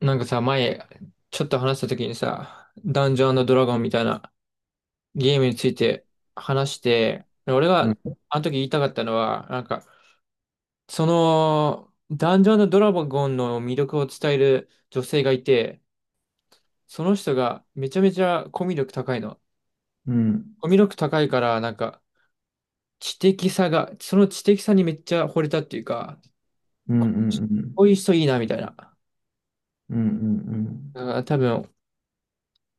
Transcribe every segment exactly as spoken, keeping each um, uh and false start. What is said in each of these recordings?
なんかさ、前、ちょっと話した時にさ、ダンジョンドラゴンみたいなゲームについて話して、俺うがん、あの時言いたかったのは、なんか、その、ダンジョンドラゴンの魅力を伝える女性がいて、その人がめちゃめちゃコミュ力高いの。うん、コミュ力高いから、なんか、知的さが、その知的さにめっちゃ惚れたっていうか、うん、うん、こういう人いいな、みたいな。うん、うん、うだん、から多分、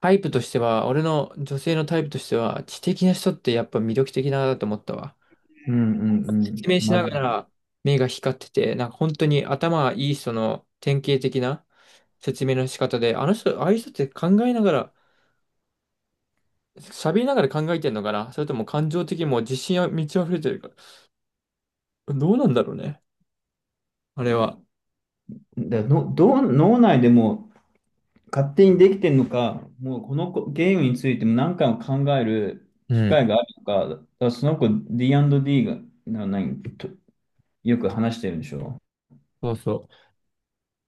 タイプとしては、俺の女性のタイプとしては、知的な人ってやっぱ魅力的だなと思ったわ。うん、うん、う説ん明しマなジがら目が光ってて、なんか本当に頭がいい人の典型的な説明の仕方で、あの人、ああいう人って考えながら、喋りながら考えてんのかな、それとも感情的にもう自信が満ち溢れてるから。どうなんだろうね。あれは。で。の、どう、脳内でも勝手にできてるのか、もうこの子ゲームについても何回も考えるう機ん。会があるのか、だからその子 ディーアンドディー が、な、何、と、よく話してるんでしょ？そうそ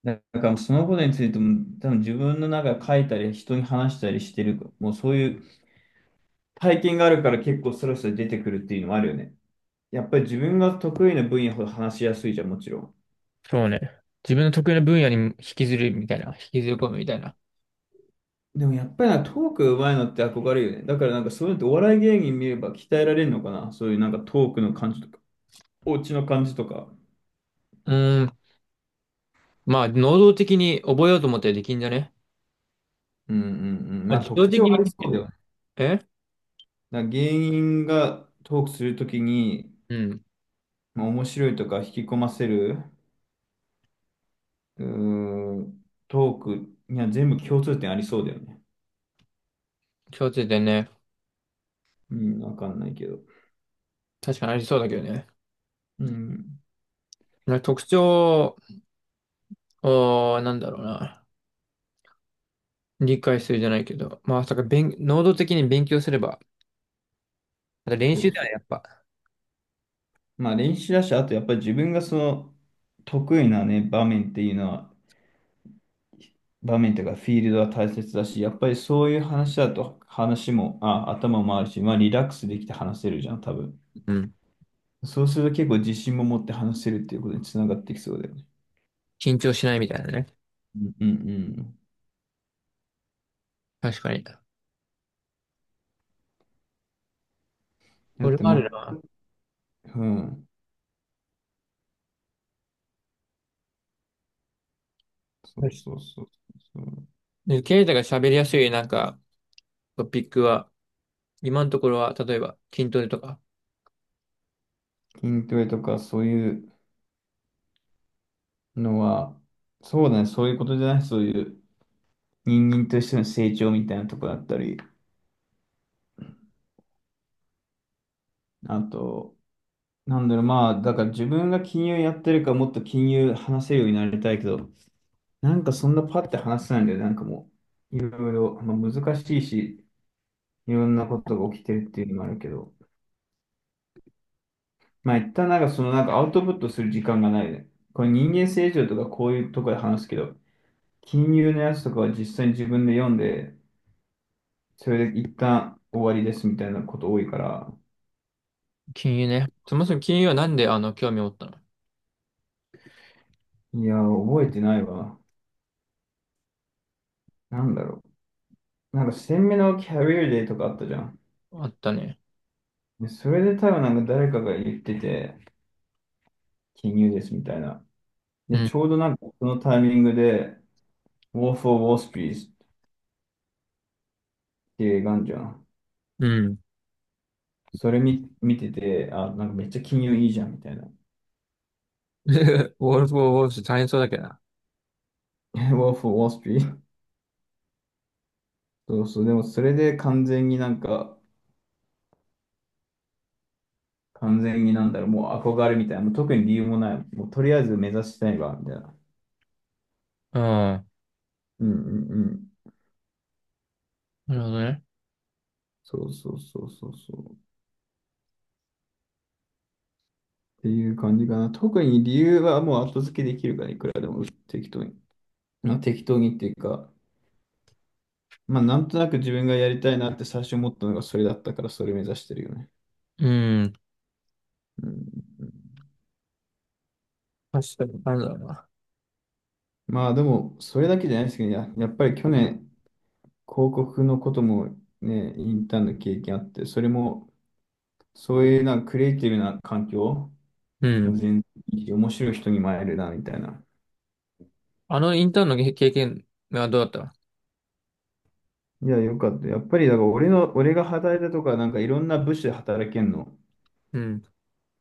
だからそのことについても多分自分の中で書いたり人に話したりしてる、もうそういう体験があるから結構スラスラ出てくるっていうのもあるよね。やっぱり自分が得意な分野ほど話しやすいじゃん、もちろん。う。そうね。自分の得意な分野に引きずるみたいな。引きずり込むみたいな。でもやっぱりなトーク上手いのって憧れるよね。だからなんかそういうのってお笑い芸人見れば鍛えられるのかな。そういうなんかトークの感じとか、お家の感じとか。うーん。まあ、能動的に覚えようと思ったらできんじゃね。うんうんうん。まあ、まあ自動特徴的に。ありそうだよね。えだから芸人がトークするときに、うん。まあ、面白いとか引き込ませる、うーん、トークには全部共通点ありそうだよね。共通点ね。うん、わかんないけど。確かにありそうだけどね。うん。なんか特徴を、なんだろうな。理解するじゃないけど、まあ、まさか勉、能動的に勉強すれば、あと練そ習うではそう。やっぱ。まあ練習だし、あとやっぱり自分がその得意なね、場面っていうのは、場面というかフィールドは大切だし、やっぱりそういう話だと話も、あ、頭もあるし、まあリラックスできて話せるじゃん、多分。うん。そうすると結構自信も持って話せるっていうことにつながってきそうだよね。緊張しないみたいなね。うんうんうん。確かに。だっこれてはあま、るな。うん。そうそうそうそう。で、ケイタが喋りやすいなんかトピックは、今のところは、例えば筋トレとか。筋トレとかそういうのは、そうだね、そういうことじゃない、そういう人間としての成長みたいなところだったり、あと、なんだろう、まあ、だから自分が金融やってるからもっと金融話せるようになりたいけど、なんかそんなパッて話せないんだよね、なんかもう、いろいろ、まあ、難しいし、いろんなことが起きてるっていうのもあるけど、まあ一旦なんかそのなんかアウトプットする時間がないね。これ人間成長とかこういうところで話すけど、金融のやつとかは実際に自分で読んで、それで一旦終わりですみたいなこと多いから、金融ね。そもそも金融はなんであの興味を持ったの？いや、覚えてないわ。なんだろう。なんか鮮明のキャリアデーとかあったじゃん。あったね。で、それで多分なんか誰かが言ってて、金融ですみたいな。うで、ん。ちょうどなんかそのタイミングで、War for Wall Street っていう映画あんじゃん。うん。それ見、見てて、あ、なんかめっちゃ金融いいじゃんみたいな。ウォールフ・オブ・ウォールスト大変そうだけどな。War for Wall Street？ そうそう、でもそれで完全になんか、完全になんだろう、もう憧れみたいな、もう特に理由もない、もうとりあえず目指したいわ、みたいな。ああ、うんうんうん。なるほどね。そうそうそうそうそう。っていう感じかな。特に理由はもう後付けできるから、いくらでも適当に。まあ、適当にっていうか、まあなんとなく自分がやりたいなって最初思ったのがそれだったから、それ目指してるよね。うん。うんうんうん確かに、なんだろうな。まあでも、それだけじゃないですけど、や、やっぱり去年、広告のこともね、インターンの経験あって、それも、そういうなんかクリエイティブな環境、うもうん。全然いいし面白い人にも会えるな、みたいな。あのインターンの経経験はどうだった？いや、よかった。やっぱり、だから俺の、俺が働いたとか、なんかいろんな部署で働けんの。うん。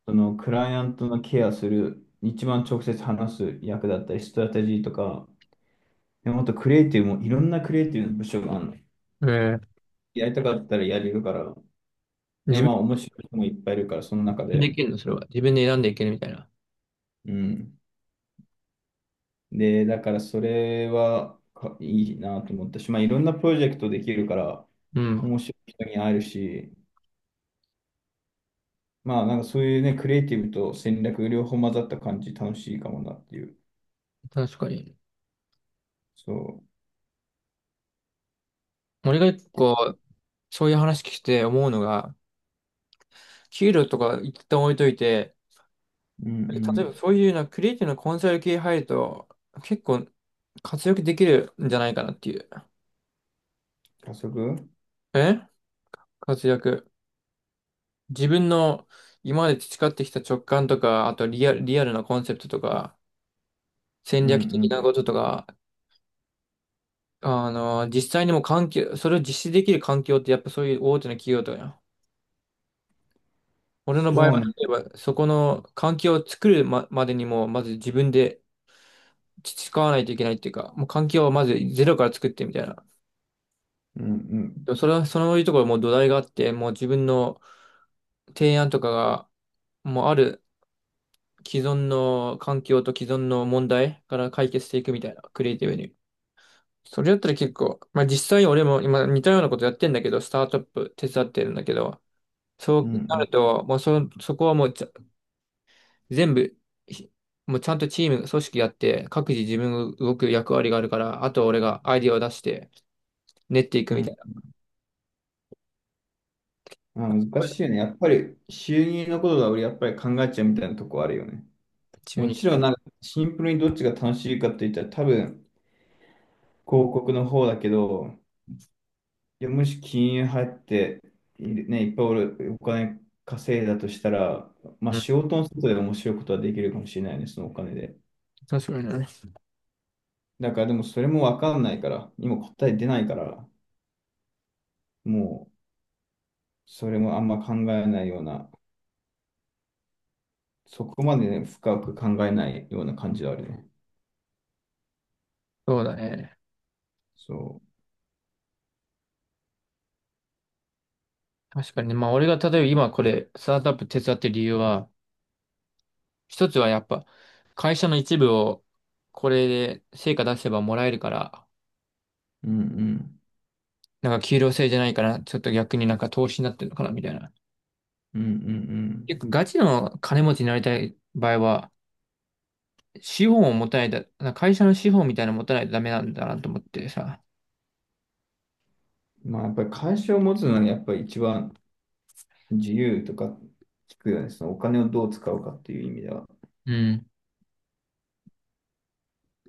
その、クライアントのケアする、一番直接話す役だったり、ストラテジーとか、でもっとクリエイティブも、いろんなクリエイティブの部署があるの。えーやりたかったらやれるから。で、自まあ、面白い人もいっぱいいるから、その中分でで。いけるのそれは？自分で選んでいけるみたいな。うん。で、だからそれはかいいなと思ったし、まあ、いろんなプロジェクトできるから、うん。面白い人に会えるし、まあ、なんかそういうね、クリエイティブと戦略両方混ざった感じ、楽しいかもなっていう。確かに。そう。俺が結で構、そういう話聞いて思うのが、給料とか一旦置いといて、うんう例えばん。そういうな、クリエイティブなコンサル系入ると、結構活躍できるんじゃないかなっていう。加速え活躍。自分の今まで培ってきた直感とか、あとリアル、リアルなコンセプトとか、戦うん略う的なん。こととか、あの、実際にも環境、それを実施できる環境ってやっぱそういう大手の企業とかや。俺のそ場合うは、ね。例えばそこの環境を作るま、までにも、まず自分で培わないといけないっていうか、もう環境をまずゼロから作ってみたいな。うんうでん。もそれは、そういうところもう土台があって、もう自分の提案とかが、もうある既存の環境と既存の問題から解決していくみたいな、クリエイティブに。それだったら結構、まあ実際俺も今似たようなことやってんだけど、スタートアップ手伝ってるんだけど、そううなんると、もうそ、そこはもうちゃ全部、ひもうちゃんとチーム、組織やって、各自自分が動く役割があるから、あとは俺がアイディアを出して、練っていくうん。みうたいな。んまあ、難しいよね。やっぱり収入のことが俺やっぱり考えちゃうみたいなとこあるよね。中もに。ちろんなんかシンプルにどっちが楽しいかって言ったら多分広告の方だけど、いや、もし金融入っている、ね、いっぱい俺お金稼いだとしたら、まあうん。仕事の外で面白いことはできるかもしれないね、そのお金で。確かにね。だからでもそれもわかんないから、今答え出ないから、もうそれもあんま考えないような、そこまで、ね、深く考えないような感じはあるね。そうだね。そ確かにね。まあ俺が例えば今これ、スタートアップ手伝ってる理由は、一つはやっぱ、会社の一部をこれで成果出せばもらえるから、う。うんうん。なんか給料制じゃないから、ちょっと逆になんか投資になってるのかなみたいな。うんう結ん構ガチの金持ちになりたい場合は、資本を持たないと、なんか会社の資本みたいなの持たないとダメなんだなと思ってさ。うん。まあやっぱり会社を持つのはねやっぱり一番自由とか聞くよね、そのお金をどう使うかっていう意味では。うん。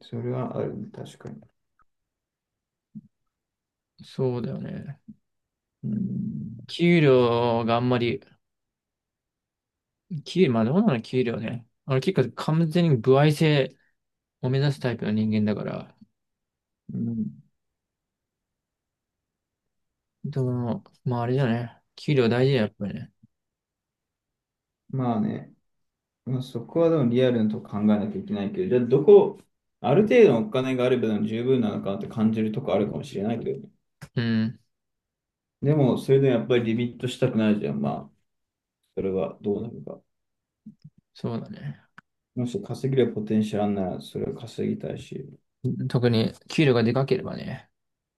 それはあるね、確かに。そうだよね。うん、給料があんまり、給まあどうなの給料ね。俺結構完全に歩合制を目指すタイプの人間だから。うんでも、まああれだよね。給料大事だよ、やっぱりね。まあね、まあ、そこはでもリアルなとこ考えなきゃいけないけど、じゃあどこ、ある程度のお金があれば十分なのかなって感じるとこあるかもしれないけどね。うん。でも、それでもやっぱりリミットしたくないじゃん。まあ、それはどうなるか。そうだね。もし稼げるポテンシャルあんなら、それを稼ぎたいし。特に給料がでかければね。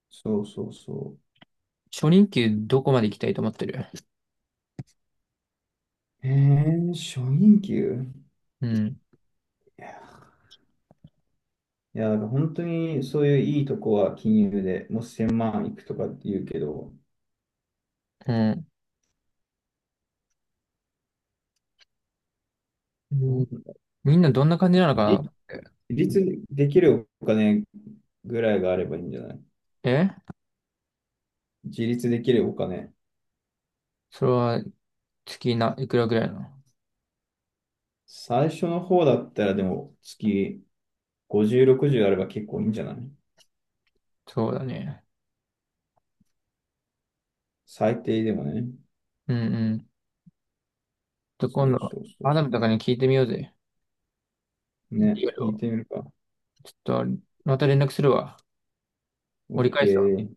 そうそうそ初任給どこまで行きたいと思ってる？う。えー、初任給うん。いや、だから本当にそういういいとこは金融でもうせんまんいくとかって言うけど、うん。うどん、うみんなどんな感じなのかなって。自立できるお金ぐらいがあればいいんじゃない？え自立できるお金。それは月ないくらぐらいなの？最初の方だったらでも月ごじゅう、ろくじゅうあれば結構いいんじゃない？そうだね。最低でもね。うんうん。ちょっとそ今う度、そうそアうそダムとかに聞いてみようぜ。う。いね、ろい聞いろ。てみるか。ちょっと、また連絡するわ。折り返すわ。OK。